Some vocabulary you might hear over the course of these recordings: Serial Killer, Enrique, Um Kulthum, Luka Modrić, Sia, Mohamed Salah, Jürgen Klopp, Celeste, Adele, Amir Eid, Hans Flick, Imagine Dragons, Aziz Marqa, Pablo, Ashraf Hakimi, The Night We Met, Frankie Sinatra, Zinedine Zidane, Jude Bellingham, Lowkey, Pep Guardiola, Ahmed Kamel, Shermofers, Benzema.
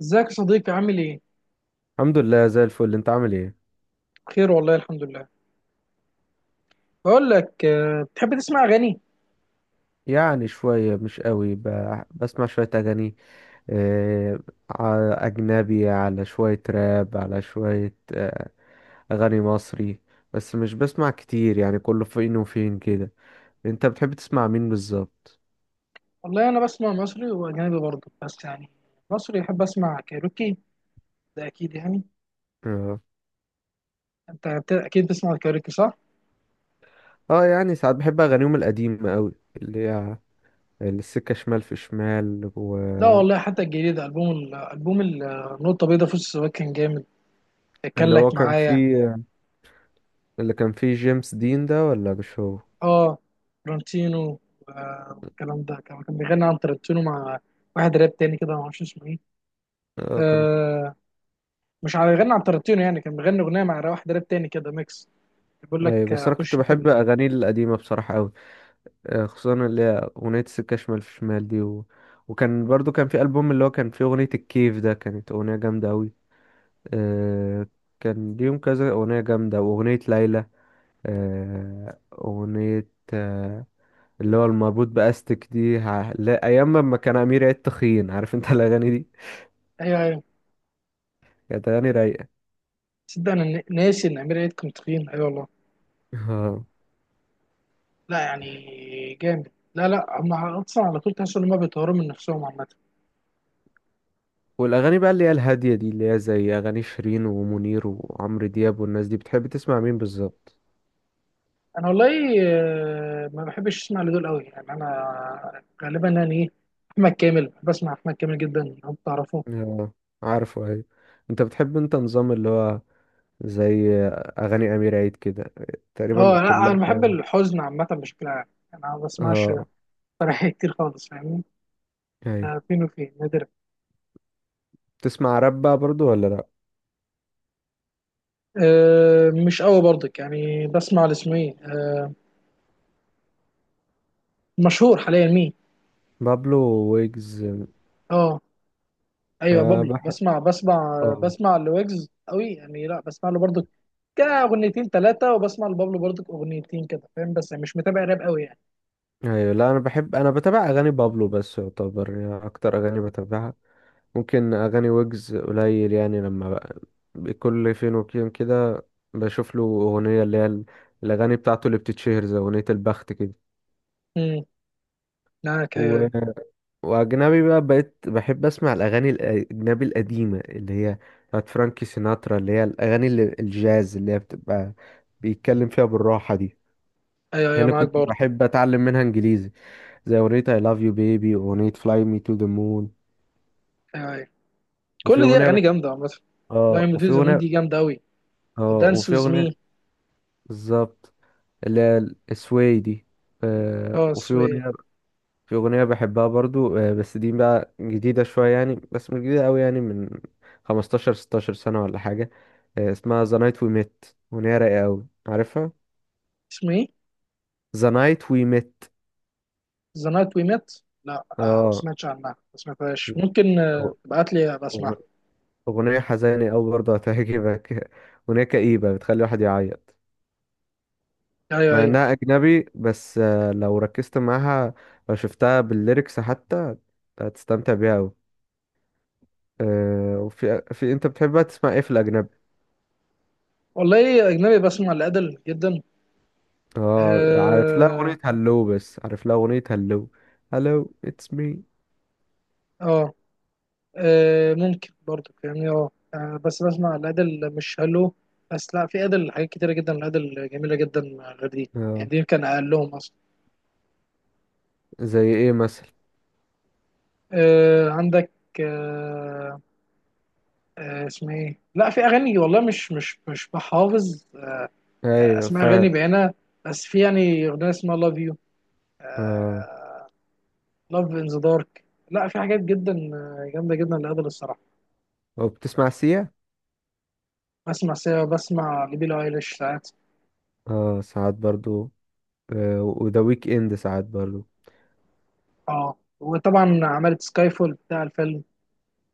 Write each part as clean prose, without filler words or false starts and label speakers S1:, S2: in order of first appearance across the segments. S1: ازيك يا صديقي، عامل ايه؟
S2: الحمد لله، زي الفل. انت عامل ايه؟
S1: بخير والله الحمد لله. بقول لك بتحب تسمع اغاني؟
S2: يعني شوية، مش قوي، بسمع شوية أغاني. آه، أجنبي، على شوية راب، على شوية أغاني مصري. بس مش بسمع كتير يعني، كله فين وفين كده. انت بتحب تسمع مين بالظبط؟
S1: والله انا بسمع مصري واجنبي برضه، بس يعني مصري احب اسمع كايروكي، ده اكيد يعني.
S2: اه.
S1: انت اكيد بتسمع الكايروكي صح؟
S2: اه، يعني ساعات بحب أغانيهم القديمة قوي، اللي هي السكة شمال في شمال، و
S1: لا والله، حتى الجديد البوم النقطة البيضاء في السواق كان جامد، كان
S2: اللي هو
S1: لك
S2: كان
S1: معايا.
S2: فيه، اللي كان فيه جيمس دين ده، ولا مش هو؟
S1: اه، ترنتينو. والكلام ده كان بيغني عن ترنتينو مع واحد راب تاني كده، ما اعرفش اسمه ايه.
S2: اه، كان.
S1: آه، مش عارف يغني عن ترنتينو، يعني كان بيغني اغنية مع واحد راب تاني كده ميكس. بيقول
S2: اي،
S1: لك
S2: بس انا كنت
S1: اخش في
S2: بحب اغانيه القديمه بصراحه قوي، خصوصا اللي هي اغنيه سكه شمال في شمال دي، و... وكان برضو كان في البوم اللي هو كان فيه اغنيه الكيف ده، كانت اغنيه جامده قوي. أه، كان ليهم كذا اغنيه جامده، واغنيه ليلى. أه، اغنيه. أه. اللي هو المربوط باستك دي، لا، ايام ما كان امير عيد تخين، عارف انت الاغاني دي؟
S1: ايوه ايوه.
S2: كانت اغاني رايقه.
S1: تصدق انا ناسي ان امير عيد كان تخين؟ ايوه والله.
S2: آه.
S1: لا يعني، جامد. لا لا، هم اصلا على طول تحس ان هم بيطوروا من نفسهم عامه.
S2: والاغاني بقى اللي هي الهاديه دي، اللي هي زي اغاني شيرين ومنير وعمرو دياب والناس دي، بتحب تسمع مين بالظبط؟
S1: انا والله ما بحبش اسمع لدول قوي، يعني انا غالبا يعني ايه، احمد كامل. بسمع احمد كامل جدا، لو بتعرفه.
S2: آه، عارفه، ايوه. انت بتحب، نظام اللي هو زي اغاني امير عيد كده، تقريبا
S1: اه لا،
S2: كلها
S1: انا بحب
S2: شبه؟
S1: الحزن عامه بشكل عام، يعني انا ما بسمعش
S2: اه،
S1: فرح كتير خالص، فاهمني؟
S2: ايوه.
S1: ده فين وفين، نادر.
S2: تسمع راب بقى برضو ولا لا؟
S1: أه مش قوي برضك، يعني بسمع لاسمه ايه مشهور حاليا، مين؟
S2: بابلو، ويجز.
S1: اه، ايوه
S2: أه،
S1: بابلو،
S2: بحب.
S1: بسمع.
S2: اه.
S1: بسمع لويجز قوي يعني، لا بسمع له برضك كاغنيتين ثلاثه، وبسمع لبابلو برضك اغنيتين كده فاهم، بس يعني مش متابع راب قوي يعني.
S2: ايوه، لا، انا بحب انا بتابع اغاني بابلو، بس يعتبر يعني اكتر اغاني بتابعها. ممكن اغاني ويجز قليل يعني، لما بقى كل فين وفين كده بشوف له اغنيه اللي هي الاغاني بتاعته اللي بتتشهر زي اغنيه البخت
S1: امم معاك، ايوه ايوه.
S2: كده. واجنبي بقى، بقيت بحب اسمع الاغاني الاجنبي القديمه اللي هي بتاعت فرانكي سيناترا، اللي هي الاغاني الجاز، اللي هي بتبقى بيتكلم فيها بالراحه دي.
S1: ايوه أيوة،
S2: هنا
S1: معاك
S2: كنت
S1: برضك.
S2: بحب اتعلم منها انجليزي، زي اغنيه I love you baby واغنيه fly me to the moon.
S1: ايوه ايوه،
S2: وفي
S1: كل دي
S2: اغنيه
S1: اغاني
S2: بحب.
S1: جامده عامه.
S2: اه،
S1: لاين
S2: وفي
S1: بتويز مون دي
S2: اغنيه.
S1: جامده قوي.
S2: اه،
S1: دانس
S2: وفي
S1: ويز
S2: اغنيه،
S1: مي.
S2: بالظبط، اللي هي السواي دي. آه،
S1: اه،
S2: وفي
S1: سوي.
S2: اغنيه. في أغنية بحبها برضو، بس دي بقى جديدة شوية يعني، بس مش جديدة أوي يعني، من 15 16 سنة ولا حاجة. اسمها The Night We Met، أغنية رايقة أوي، عارفها؟
S1: اسمه ايه؟
S2: The Night We Met.
S1: ذا نايت وي ميت. لا ما
S2: اه.
S1: سمعتش عنها، ما سمعتهاش. ممكن
S2: أغ-
S1: تبعت لي أبقى اسمعها.
S2: أغ- أغنية حزينة أوي برضو، هتعجبك. أغنية كئيبة بتخلي الواحد يعيط،
S1: ايوه
S2: مع
S1: ايوه.
S2: إنها أجنبي، بس لو ركزت معاها، لو شفتها بالليركس حتى، هتستمتع بيها أوي. وفي في أنت بتحبها تسمع إيه في الأجنبي؟
S1: والله اجنبي بسمع لادل جدا.
S2: اه، عارف لها
S1: اه
S2: اغنية هلو، بس عارف لها اغنية هلو. هلو اتس مي.
S1: آه، ممكن برضه فاهمني. بس بسمع الادل مش هلو. بس لا، في ادل حاجات كتيره جدا، الادل جميله جدا غير دي، يعني
S2: اه،
S1: دي كان اقلهم اصلا.
S2: زي ايه مثلا؟
S1: عندك آه اسمها ايه؟ لا، في اغاني والله مش بحافظ
S2: ايوه،
S1: اسماء اغاني
S2: فاهم.
S1: بعينها. بس في يعني اغنيه اسمها لاف يو،
S2: اه،
S1: لاف ان ذا دارك. لا، في حاجات جدا جامده جدا لادل الصراحه.
S2: وبتسمع سيا؟
S1: بسمع سيا، بسمع لبيلي ايليش ساعات.
S2: اه، ساعات برضو. آه، وذا ويك اند ساعات برضو.
S1: اه، وطبعا عملت سكاي فول بتاع الفيلم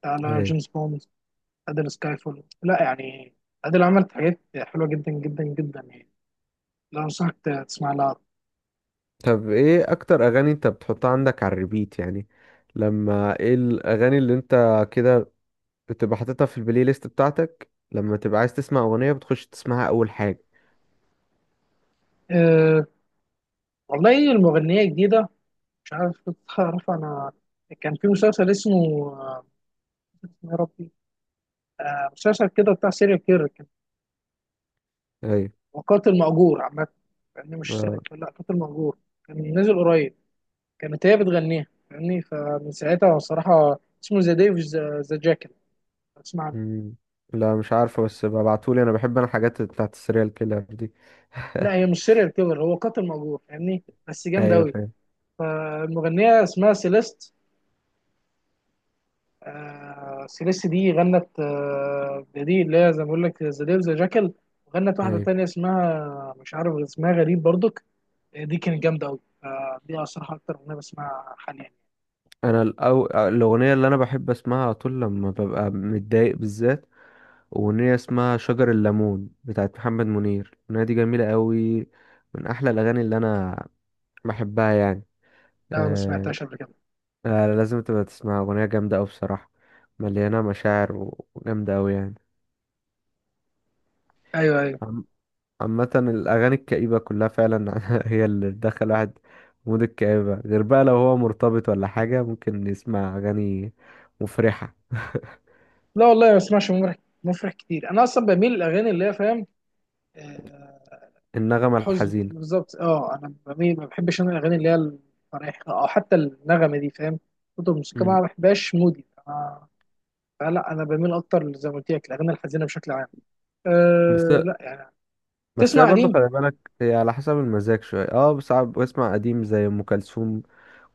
S1: على
S2: ايوه.
S1: جيمس بوند. ادل سكاي فول، لا يعني، ادل عملت حاجات حلوه جدا جدا جدا يعني. لا انصحك تسمع لها.
S2: طب، ايه اكتر اغاني انت بتحطها عندك على الريبيت يعني؟ لما، ايه الاغاني اللي انت كده بتبقى حاططها في البلاي ليست بتاعتك، لما تبقى عايز تسمع اغنية بتخش تسمعها اول حاجة؟
S1: أه والله المغنيه جديده، مش عارف. تعرف انا كان في مسلسل اسمه، آه، اسمه يا ربي. مسلسل كده بتاع سيريال كيلر كان،
S2: ايوه.
S1: هو قاتل مأجور عامة، يعني مش
S2: آه.
S1: سيريال كيلر، لا قاتل مأجور. كان نازل قريب، كانت هي بتغنيها فاهمني، فمن ساعتها الصراحة، اسمه ذا ديف ذا جاكل. اسمع.
S2: مم. لا، مش عارفه، بس ببعتولي، انا بحب انا الحاجات بتاعت السريال كيلر دي.
S1: لا هي مش سيريال كيلر، هو قاتل مأجور فاهمني، بس جامد
S2: ايوه،
S1: أوي.
S2: فاهم.
S1: فالمغنية اسمها سيليست. سيليست دي غنت، دي اللي هي زي ما بقول لك ذا ديف ذا جاكل. وغنت واحدة
S2: ايوه،
S1: تانية اسمها مش عارف، اسمها غريب برضك. دي كانت جامدة أوي، فدي الصراحة أكتر أغنية بسمعها حاليا.
S2: انا الاغنيه اللي انا بحب اسمعها على طول لما ببقى متضايق بالذات، اغنيه اسمها شجر الليمون بتاعت محمد منير. الاغنيه دي جميله قوي، من احلى الاغاني اللي انا بحبها يعني.
S1: لا ما
S2: آه.
S1: سمعتهاش قبل كده.
S2: آه، لازم تبقى تسمعها، اغنيه جامده قوي بصراحه، مليانه مشاعر، و- وجامده قوي يعني.
S1: أيوه أيوه.
S2: عامة الأغاني الكئيبة كلها فعلا هي اللي بتدخل واحد في مود الكآبة، غير بقى لو هو مرتبط ولا حاجة، ممكن يسمع أغاني مفرحة.
S1: لا والله ما بسمعش مفرح. مفرح كتير، أنا أصلا بميل للأغاني اللي هي فاهم، آه،
S2: النغمة
S1: حزن
S2: الحزينة.
S1: بالظبط. اه انا بميل، ما بحبش انا الاغاني اللي هي الفرايح، او حتى النغمه دي فاهم، صوت الموسيقى ما
S2: مم.
S1: بحبهاش مودي. انا لا، انا بميل اكتر زي ما قلت لك الاغاني الحزينه بشكل عام،
S2: بس
S1: أه لا يعني.
S2: بس هي
S1: تسمع
S2: برضه
S1: قديم؟
S2: خلي بالك، هي على حسب المزاج شوية. اه، ساعات بسمع قديم زي أم كلثوم.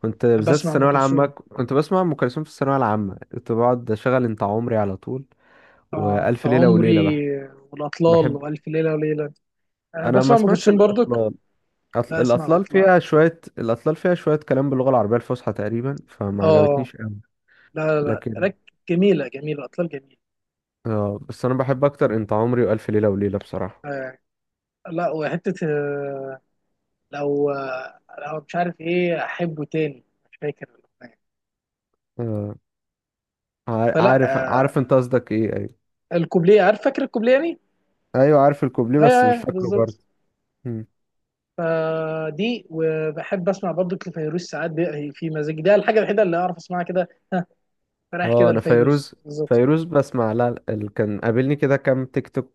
S2: كنت بالذات
S1: بسمع ام
S2: الثانوية العامة،
S1: كلثوم،
S2: كنت بسمع أم كلثوم. في الثانوية العامة كنت بقعد أشغل أنت عمري على طول،
S1: انت
S2: وألف ليلة وليلة،
S1: عمري
S2: بحب,
S1: والاطلال
S2: بحب
S1: والف ليله وليله. أه
S2: أنا ما
S1: بسمع ام
S2: سمعتش
S1: كلثوم برضك.
S2: الأصل.
S1: لا اسمع
S2: الأطلال
S1: الاطلال،
S2: فيها شوية الأطلال فيها شوية كلام باللغة العربية الفصحى تقريبا، فما
S1: اه،
S2: عجبتنيش أوي،
S1: لا لا لا
S2: لكن.
S1: لك، جميله جميله، اطلال جميله.
S2: آه، بس أنا بحب أكتر أنت عمري وألف ليلة وليلة بصراحة.
S1: أه لا، وحته لو لو مش عارف ايه احبه تاني، مش فاكر الاغنيه.
S2: آه، عار-
S1: فلا
S2: عارف عارف أنت قصدك إيه، أيوة.
S1: الكوبليه عارف، فاكر الكوبليه يعني.
S2: أيوة، عارف الكوبليه،
S1: ايوه
S2: بس مش
S1: ايوه
S2: فاكره برضه.
S1: بالظبط.
S2: مم.
S1: فدي. وبحب اسمع برضو لفيروز ساعات في مزاج ده، الحاجه الوحيده اللي اعرف اسمعها كده ها، رايح
S2: آه،
S1: كده
S2: أنا
S1: لفيروز
S2: فيروز.
S1: بالظبط.
S2: فيروز بسمع، لا لا، كان قابلني كده كام تيك توك.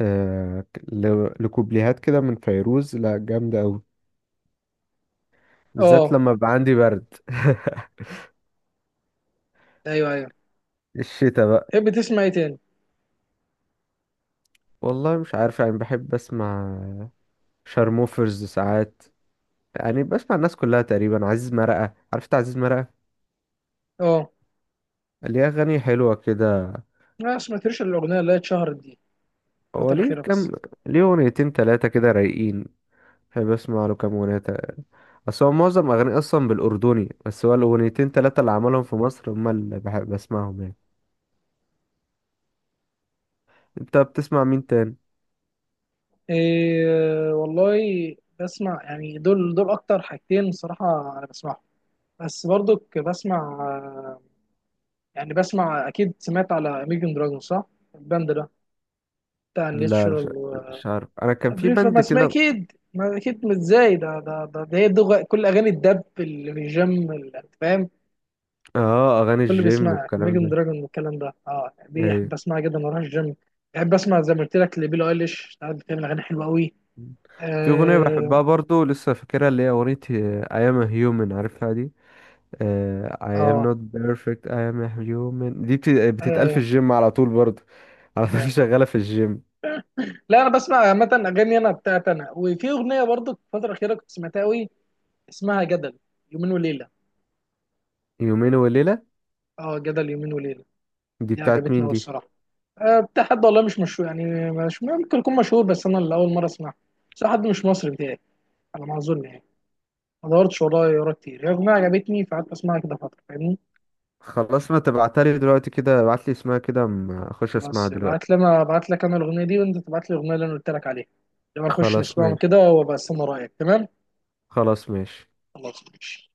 S2: آه، لكوبليهات كده من فيروز، لا، جامدة أوي، بالذات
S1: اه
S2: لما بيبقى عندي برد.
S1: ايوه ايوه.
S2: الشتا بقى.
S1: تحب تسمع ايه تاني؟
S2: والله مش عارف يعني، بحب اسمع شارموفرز ساعات، يعني بسمع الناس كلها تقريبا. عزيز مرقة، عرفت عزيز مرقة؟
S1: اه،
S2: ليه أغاني حلوة كده.
S1: ما سمعتش الاغنيه اللي هي اتشهرت دي
S2: هو
S1: الفتره
S2: ليه
S1: الاخيره بس.
S2: كام، ليه أغنيتين تلاتة كده رايقين، بحب أسمع له كام أغنية أصل هو معظم أغانيه أصلا بالأردني، بس هو الأغنيتين تلاتة اللي عملهم في مصر هما اللي بحب أسمعهم يعني. أنت بتسمع مين تاني؟
S1: إيه والله، بسمع يعني دول دول اكتر حاجتين صراحه انا بسمعهم، بس برضو بسمع يعني بسمع. اكيد سمعت على اميجن دراجون صح؟ الباند ده بتاع
S2: لا،
S1: الناتشورال
S2: مش عارف، أنا كان في
S1: وابريفا، ما
S2: بند
S1: اسمها
S2: كده.
S1: اكيد، ما اكيد، مش ازاي ده ده هي كل اغاني الدب اللي في الجيم انت فاهم،
S2: اه، أغاني
S1: كل
S2: الجيم
S1: بيسمعها
S2: والكلام
S1: اميجن
S2: ده.
S1: دراجون والكلام ده. اه، دي
S2: أيوة.
S1: احب اسمعها جدا واروح الجيم. بحب اسمع زي ما قلت لك لبيلي ايليش ساعات، بتعمل اغاني حلوه قوي.
S2: في أغنية
S1: اه
S2: بحبها برضو لسه فاكرها، اللي هي أغنية أيام هيومن، عارفها دي؟ آه، I am
S1: اه،
S2: not perfect I am a human، دي
S1: أيوة،
S2: بتتقال في
S1: أيوة،
S2: الجيم على طول برضه، على طول
S1: أيوة.
S2: شغالة في الجيم.
S1: لا انا بسمع عامه اغاني انا بتاعت انا، وفي اغنيه برضو في الفتره الاخيره كنت سمعتها قوي، اسمها جدل، يومين وليله.
S2: يومين وليلة.
S1: اه جدل يومين وليله،
S2: دي
S1: دي
S2: بتاعت
S1: عجبتني
S2: مين
S1: أوي
S2: دي؟
S1: الصراحة. بتاع حد والله مش مشهور، يعني مش ممكن يكون مشهور، بس أنا اللي أول مرة أسمعه. بس هو حد مش مصري بتاعي، على ما أظن يعني، ما دورتش ورايا ورا كتير، هي أغنية عجبتني فقعدت أسمعها كده فترة فاهمني.
S2: خلاص، ما تبعتها لي دلوقتي كده، ابعت لي اسمها كده أما اخش اسمعها
S1: خلاص، ابعت لي
S2: دلوقتي.
S1: أنا، ابعت لك أنا الأغنية دي وأنت تبعت لي الأغنية اللي أنا قلت لك عليها، لما نخش
S2: خلاص،
S1: نسمعهم
S2: ماشي.
S1: كده وأبقى أستنى رأيك. تمام.
S2: خلاص، ماشي.
S1: خلاص ماشي.